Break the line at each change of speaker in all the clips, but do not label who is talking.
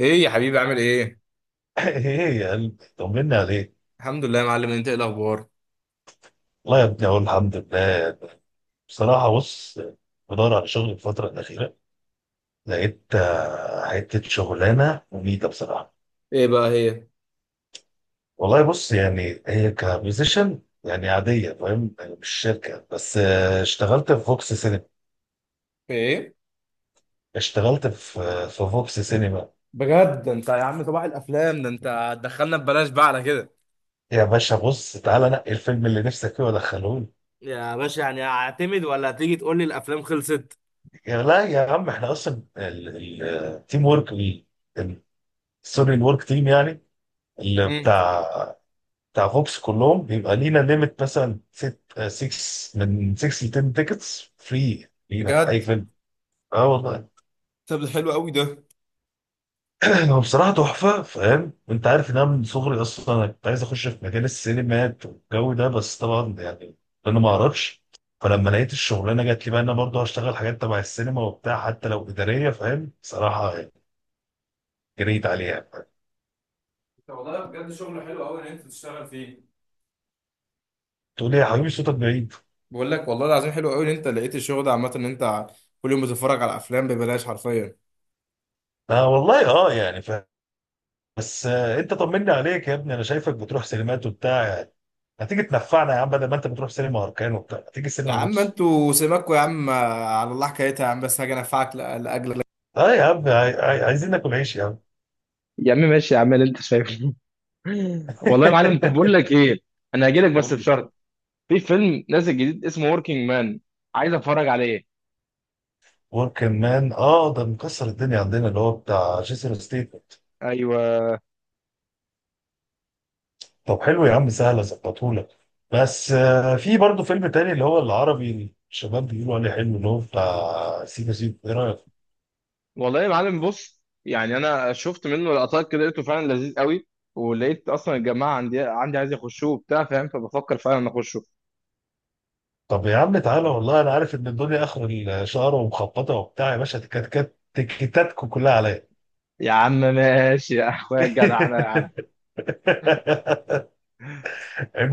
ايه يا حبيبي، عامل ايه؟
ايه يا قلبي طمني عليك.
الحمد لله يا معلم، انت ايه الاخبار؟
والله يا ابني اقول الحمد لله. بصراحه بص، بدور على شغل الفتره الاخيره. لقيت حته شغلانه مميته بصراحه.
ايه بقى هي؟
والله بص يعني هي كبوزيشن يعني عاديه فاهم، يعني مش شركه، بس اشتغلت في فوكس سينما.
ايه؟
اشتغلت في فوكس سينما.
بجد؟ ده انت يا عم صباح الافلام، ده انت هتدخلنا ببلاش بقى على كده.
يا باشا بص، تعالى نقي الفيلم اللي نفسك فيه وادخله لي.
يا باشا، يعني هعتمد ولا هتيجي تقول لي الافلام خلصت؟
يا لا يا عم احنا اصلا التيم ورك، سوري الورك تيم يعني، اللي
امم
بتاع بتاع فوكس كلهم بيبقى لينا ليميت مثلا 6 6، من 6 ل 10 تيكتس فري لينا في اي
بجد؟
فيلم. اه والله.
طب ده حلو قوي، ده انت.
هو بصراحه تحفه فاهم، وانت عارف ان انا من صغري اصلا انا كنت عايز اخش في مجال السينمات والجو ده، بس طبعا يعني انا ما اعرفش. فلما لقيت الشغلانه جات لي بقى ان انا برضه هشتغل حاجات تبع السينما وبتاع حتى لو اداريه فاهم، بصراحه يعني جريت عليها.
والله بجد شغل حلو قوي ان انت تشتغل فيه.
تقول لي يا حبيبي صوتك بعيد.
بقول لك والله العظيم حلو قوي ان انت لقيت الشغل ده. عامه، ان انت كل يوم بتتفرج على افلام ببلاش حرفيا.
اه والله اه يعني فاهم. بس انت طمني عليك يا ابني، انا شايفك بتروح سينمات وبتاع يعني. ما تيجي تنفعنا يا عم، بدل ما انت بتروح سينما اركان وبتاع، ما تيجي
يا
سينما
عم
بوكس.
انتوا سيبكوا، يا عم على الله حكايتها، يا عم بس هاجي انفعك لاجل.
اه يا عم، عايزين ناكل عيش يا عم.
يا عم ماشي، يا عم اللي انت شايفه. والله يا معلم، انت بقول لك ايه؟ انا هاجي لك بس بشرط. في فيلم نازل جديد اسمه وركينج مان، عايز اتفرج عليه.
وركن مان، اه ده مكسر الدنيا عندنا، اللي هو بتاع جيسون ستيت.
ايوه.
طب حلو يا عم، سهل اظبطهولك. بس في برضه فيلم تاني اللي هو العربي اللي الشباب بيقولوا عليه حلو، اللي هو بتاع سيكو سيكو، ايه رايك؟
والله يا معلم بص، يعني انا شفت منه لقطات كده، لقيته فعلا لذيذ قوي. ولقيت اصلا الجماعه عندي عايز يخشوه وبتاع، فاهم؟ فبفكر فعلا اخشه.
طب يا عم تعالى، والله انا عارف ان الدنيا اخر الشهر ومخبطه وبتاع، يا باشا تكتاتكم كلها عليا.
يا عم ماشي يا اخويا الجدع، انا يا عم.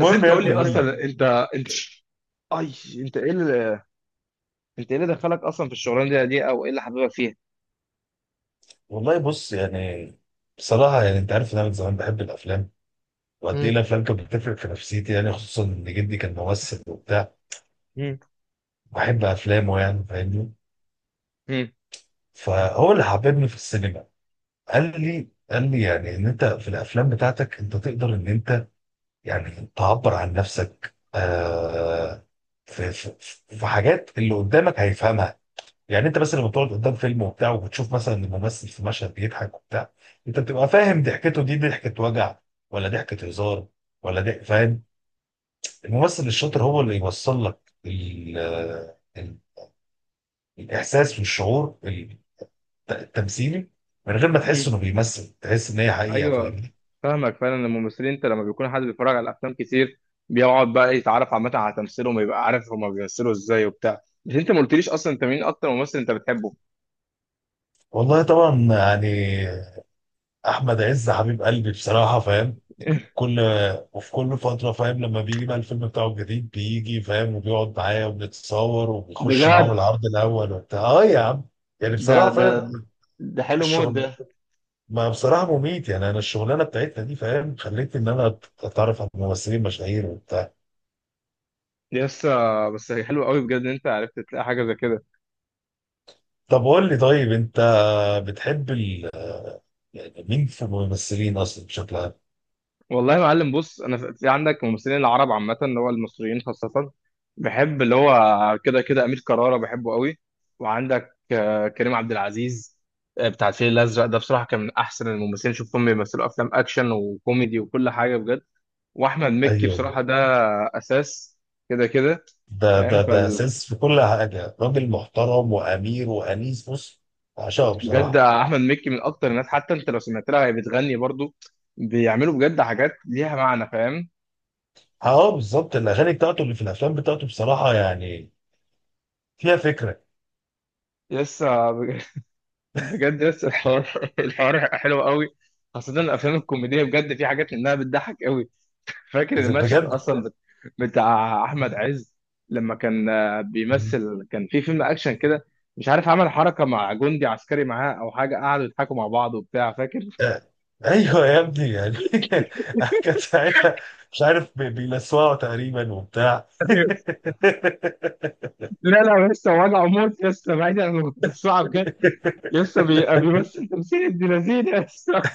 بس انت
يا
قول لي،
ابني قول لي.
اصلا انت، انت، اي، انت ايه اللي، انت ايه اللي دخلك اصلا في الشغلانه دي, او ايه اللي حبيبك فيها؟
والله بص يعني، بصراحه يعني انت عارف ان انا من زمان بحب الافلام. وقد ايه
مم.
الافلام كانت بتفرق في نفسيتي، يعني خصوصا ان جدي كان ممثل وبتاع. بحب افلامه يعني فاهمني.
مم.
فهو اللي حببني في السينما. قال لي يعني ان انت في الافلام بتاعتك انت تقدر ان انت يعني تعبر عن نفسك. آه، في, في, في حاجات اللي قدامك هيفهمها. يعني انت بس لما بتقعد قدام فيلم وبتاع، وبتشوف مثلا الممثل في مشهد بيضحك وبتاع، انت بتبقى فاهم ضحكته دي ضحكه وجع، ولا ضحكه هزار، ولا ضحك فاهم. الممثل الشاطر هو اللي يوصل لك ال الاحساس والشعور التمثيلي، من غير ما تحس
مم.
انه بيمثل، تحس ان هي حقيقه
ايوه،
فاهمني.
فاهمك. فعلا الممثلين، انت لما بيكون حد بيتفرج على افلام كتير، بيقعد بقى يتعرف عامه على تمثيلهم ويبقى عارف هما بيمثلوا ازاي وبتاع. مش انت ما قلتليش اصلا انت مين اكتر ممثل انت بتحبه؟
والله طبعا يعني احمد عز حبيب قلبي بصراحه فاهم. كل وفي كل فترة فاهم لما بيجي بقى الفيلم بتاعه الجديد بيجي فاهم، وبيقعد معايا وبنتصور وبيخش معاهم
بجد؟
العرض الأول وبتاع، اه يا عم. يعني
ده
بصراحة
ده
فعلا.
ده حلو موت ده.
الشغل، ما بصراحة مميت، يعني أنا الشغلانة بتاعتنا دي فاهم خلتني إن أنا أتعرف على ممثلين مشاهير وبتاع.
لسه. بس حلو قوي بجد ان انت عرفت تلاقي حاجه زي كده.
طب قول لي، طيب أنت بتحب ال... يعني مين في الممثلين أصلا بشكل عام؟
والله يا معلم بص، انا في عندك ممثلين العرب عامه، اللي هو المصريين خاصه. بحب اللي هو كده كده امير كرارة، بحبه قوي. وعندك كريم عبد العزيز. بتاع الفيل الازرق، ده بصراحه كان من احسن الممثلين شفتهم بيمثلوا افلام اكشن وكوميدي وكل حاجه بجد. واحمد مكي،
أيوه.
بصراحه ده اساس كده كده،
ده
فاهم؟
ده ده أساس في كل حاجة، راجل محترم وأمير وأنيس، بص بعشقه
بجد
بصراحة.
احمد مكي من اكتر الناس، حتى انت لو سمعت لها، هي بتغني برضو. بيعملوا بجد حاجات ليها معنى، فاهم؟
اه بالظبط، الاغاني بتاعته اللي في الافلام بتاعته بصراحه يعني فيها فكره.
لسه، بجد يس الحوار. الحوار حلو قوي، خاصة الأفلام الكوميدية بجد، في حاجات منها بتضحك قوي. فاكر
إذا
المشهد
بجد.
أصلا بتاع أحمد عز؟ لما كان
مم.
بيمثل، كان في فيلم أكشن كده، مش عارف عمل حركة مع جندي عسكري معاه أو حاجة، قعدوا يضحكوا مع بعض وبتاع، فاكر؟
آه، ايوه يا ابني يعني. كان ساعتها مش عارف بيلسوعوا تقريبا وبتاع.
لا لا، لسه وجعه موت، لسه بعيد عن الصعب بجد. لسه بيبقى بيمثل تمثيل ابن لذين لسه.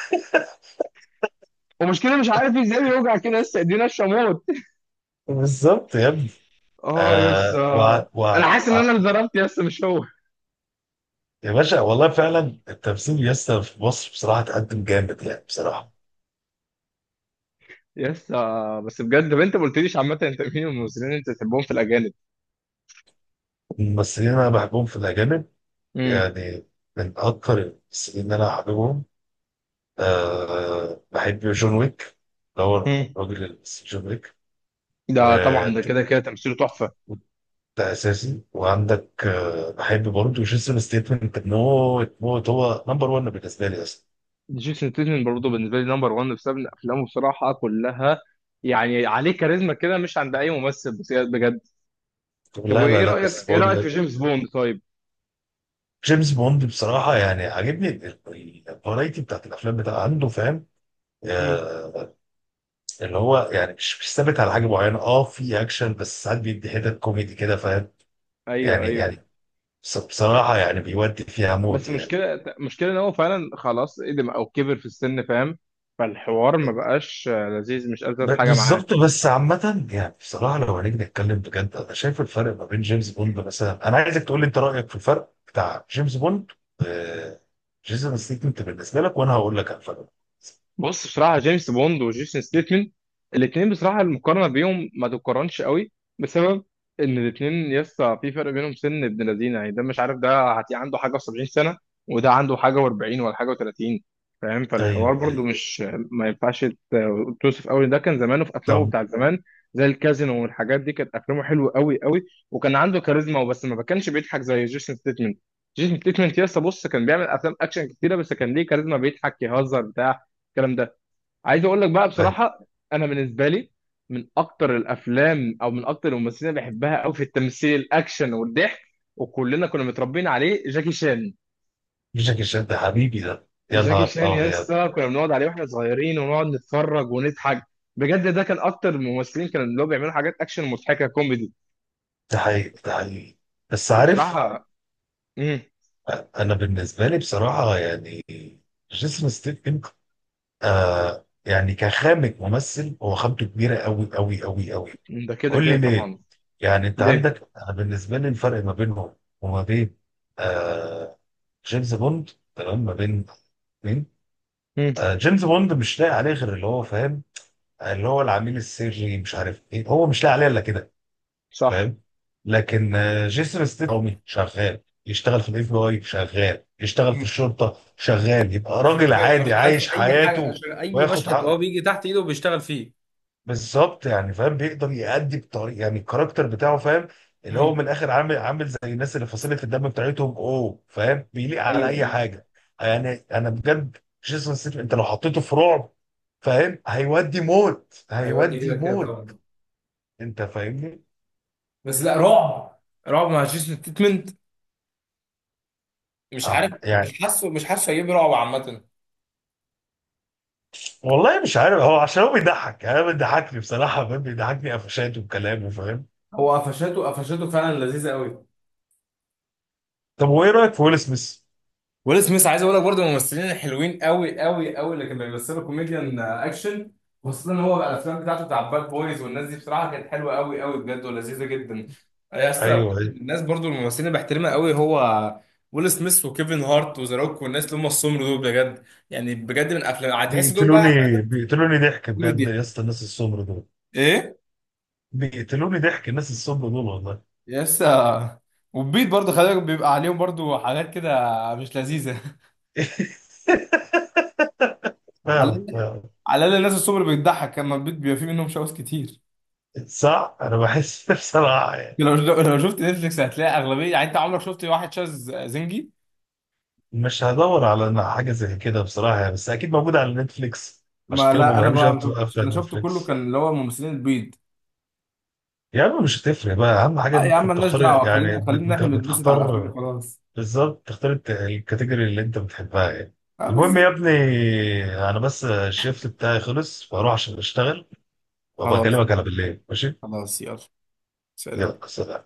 ومشكلة، مش عارف ازاي بيوجع كده لسه ايدينا الشموت.
بالظبط يا ابني.
اه يس.
آه و... و...
انا حاسس ان انا
آه
اللي ضربت يس، مش هو.
يا باشا، والله فعلا التمثيل يسطا في مصر بصراحه تقدم جامد، يعني بصراحه.
يس. بس بجد طب انت ما قلتليش عامه، انت مين الممثلين اللي انت بتحبهم في الاجانب؟
الممثلين اللي انا بحبهم في الاجانب،
امم
يعني من اكتر الممثلين اللي انا حاببهم، أه بحب جون ويك، اللي هو
امم
الراجل اللي مثل جون ويك. و-
ده طبعا، ده كده كده تمثيله تحفه.
ده أساسي. وعندك أه بحب برضه جيسون ستيتمنت، أنت موت موت هو نمبر 1 بالنسبة لي أصلا.
جيسون تيتن برضه بالنسبه لي نمبر 1، بسبب ان افلامه بصراحه كلها، يعني عليه كاريزما كده مش عند اي ممثل. بجد. طب
لا لا
وايه
لا بس
رايك، ايه
بقول
رايك في
لك،
جيمس بوند طيب؟
جيمس بوند بصراحة يعني عاجبني الفرايتي بتاعت الأفلام بتاع عنده فاهم.
امم
أه، اللي هو يعني مش ثابت على حاجة معينة، أه في أكشن بس ساعات بيدي حتت كوميدي كده فاهم.
ايوه
يعني
ايوه.
يعني بصراحة يعني بيودي فيها موت
بس
يعني.
مشكله، مشكله ان هو فعلا خلاص قدم او كبر في السن، فاهم؟ فالحوار ما بقاش لذيذ، مش ألذ حاجه معاه.
بالظبط. بس عامة يعني بصراحة لو هنيجي نتكلم بجد، أنا شايف الفرق ما بين جيمس بوند مثلا، أنا عايزك تقول لي أنت رأيك في الفرق بتاع جيمس بوند، آه، جيسون ستيتم بالنسبة لك، وأنا هقول لك على الفرق.
بص بصراحة، جيمس بوند وجيسون ستيتمن، الاتنين بصراحة المقارنة بيهم ما تتقارنش قوي، بسبب إن الاتنين لسه في فرق بينهم. سن ابن لذينة يعني، ده مش عارف، ده هتلاقي عنده حاجة و70 سنة، وده عنده حاجة و40 ولا حاجة و30، فاهم؟ فالحوار
أيوه
برضو
أيوه.
مش، ما ينفعش توصف قوي. ده كان زمانه في أفلامه
طب
بتاعت زمان، زي الكازينو والحاجات دي، كانت أفلامه حلوة قوي قوي، وكان عنده كاريزما. وبس ما كانش بيضحك زي جيسون ستيتمن. جيسون ستيتمن لسه بص، كان بيعمل أفلام أكشن كتيرة، بس كان ليه كاريزما، بيضحك يهزر بتاع الكلام ده. عايز اقول لك بقى
أيوه،
بصراحه، انا بالنسبه لي، من اكتر الافلام او من اكتر الممثلين اللي بحبها قوي في التمثيل الاكشن والضحك، وكلنا كنا متربيين عليه، جاكي شان.
جاكي شان ده حبيبي، ده يا
جاكي
نهار
شان يا
أبيض.
اسطى، كنا بنقعد عليه واحنا صغيرين، ونقعد نتفرج ونضحك. بجد، ده كان اكتر الممثلين كانوا اللي هو بيعملوا حاجات اكشن مضحكه كوميدي.
ده حقيقي ده حقيقي. بس عارف،
وبصراحه. امم
أ- أنا بالنسبة لي بصراحة يعني، جيسون ستيتم آه، يعني كخامة ممثل هو خامته كبيرة أوي أوي أوي أوي.
ده كده
قول
كده
لي ليه.
طبعا.
يعني انت
ليه؟
عندك، انا بالنسبه لي الفرق ما بينهم، وما بين آه جيمس بوند، تمام، ما بين مين،
امم
آه جيمس بوند مش لاقي عليه غير اللي هو فاهم، اللي هو العميل السري مش عارف ايه، هو مش لاقي عليه الا كده
صح.
فاهم. لكن آه جيسون ستيتهم شغال، يشتغل في الاف بي اي، شغال يشتغل في
مم.
الشرطه، شغال يبقى راجل
لو
عادي
شغال
عايش
في اي حاجه،
حياته وياخد حقه.
بيشتغل فيه.
بالظبط يعني فاهم، بيقدر يأدي بطريقه يعني الكاركتر بتاعه فاهم. اللي هو من
مم.
الاخر عامل عامل زي الناس اللي فصيله الدم بتاعتهم اوه فاهم، بيليق على
ايوه
اي
ايوه.
حاجه. يعني انا بجد، جيسون ستيتم انت لو حطيته في رعب فاهم هيودي موت
هيودي كده
هيودي
كده
موت.
طبعا.
انت فاهمني.
بس لا، رعب؟ رعب مع جيسون ستيتمنت؟ مش عارف،
يعني
مش حاسه، مش حاسه عامة.
والله مش عارف، هو عشان هو بيضحك يعني أنا بيضحكني بصراحه فاهم، بيضحكني قفشاته وكلامه فاهم.
هو قفشاته، قفشاته فعلا لذيذة قوي.
طب وايه رايك في ويل سميث؟
ويل سميث عايز اقول لك برضه من الممثلين الحلوين قوي قوي قوي، اللي كانوا بيمثلوا كوميديان اكشن، خاصة هو بقى الافلام بتاعته، بتاع باد بويز والناس دي، بصراحة كانت حلوة قوي قوي بجد ولذيذة جدا. يا اسطى
ايوه
بجد،
ايوه.
الناس برضه الممثلين اللي بحترمها قوي، هو ويل سميث وكيفن هارت وذا روك، والناس اللي هم السمر دول بجد، يعني بجد من افلام هتحس دول بقى.
بيقتلوني بيقتلوني ضحك بجد
كوميديا.
يا اسطى، الناس السمر دول
ايه.
بيقتلوني ضحك، الناس الصم دول والله.
يسا. والبيض برضه خلي بالك، بيبقى عليهم برضه حاجات كده مش لذيذة. على
فعلا
الأقل،
فعلا.
على الأقل الناس الصبر بتضحك، لما البيض بيبقى فيه منهم شواذ كتير.
صح انا بحس. بصراحه يعني
لو شفت نتفليكس، هتلاقي أغلبية، يعني أنت عمرك شفت واحد شاذ زنجي؟
مش هدور على حاجه زي كده بصراحه يعني، بس اكيد موجوده على نتفليكس. عشان
ما
كده ما
لا، أنا
بحبش
بقى ما شفتش،
افتح
أنا شفته كله
نتفليكس.
كان اللي هو ممثلين البيض.
يا عم مش هتفرق بقى، اهم حاجه
لا
إن
يا
انت
عم مالناش
بتختار
دعوة،
يعني،
خلينا خلينا، إحنا بنتبسط على الأفلام
بتختار.
وخلاص.
بالظبط، تختار الكاتيجوري اللي انت بتحبها يعني.
أه
المهم يا
بالظبط.
ابني، انا بس الشيفت بتاعي خلص فاروح عشان اشتغل، وابقى
خلاص،
اكلمك على بالليل ماشي.
خلاص، يلا، سلام.
يلا سلام.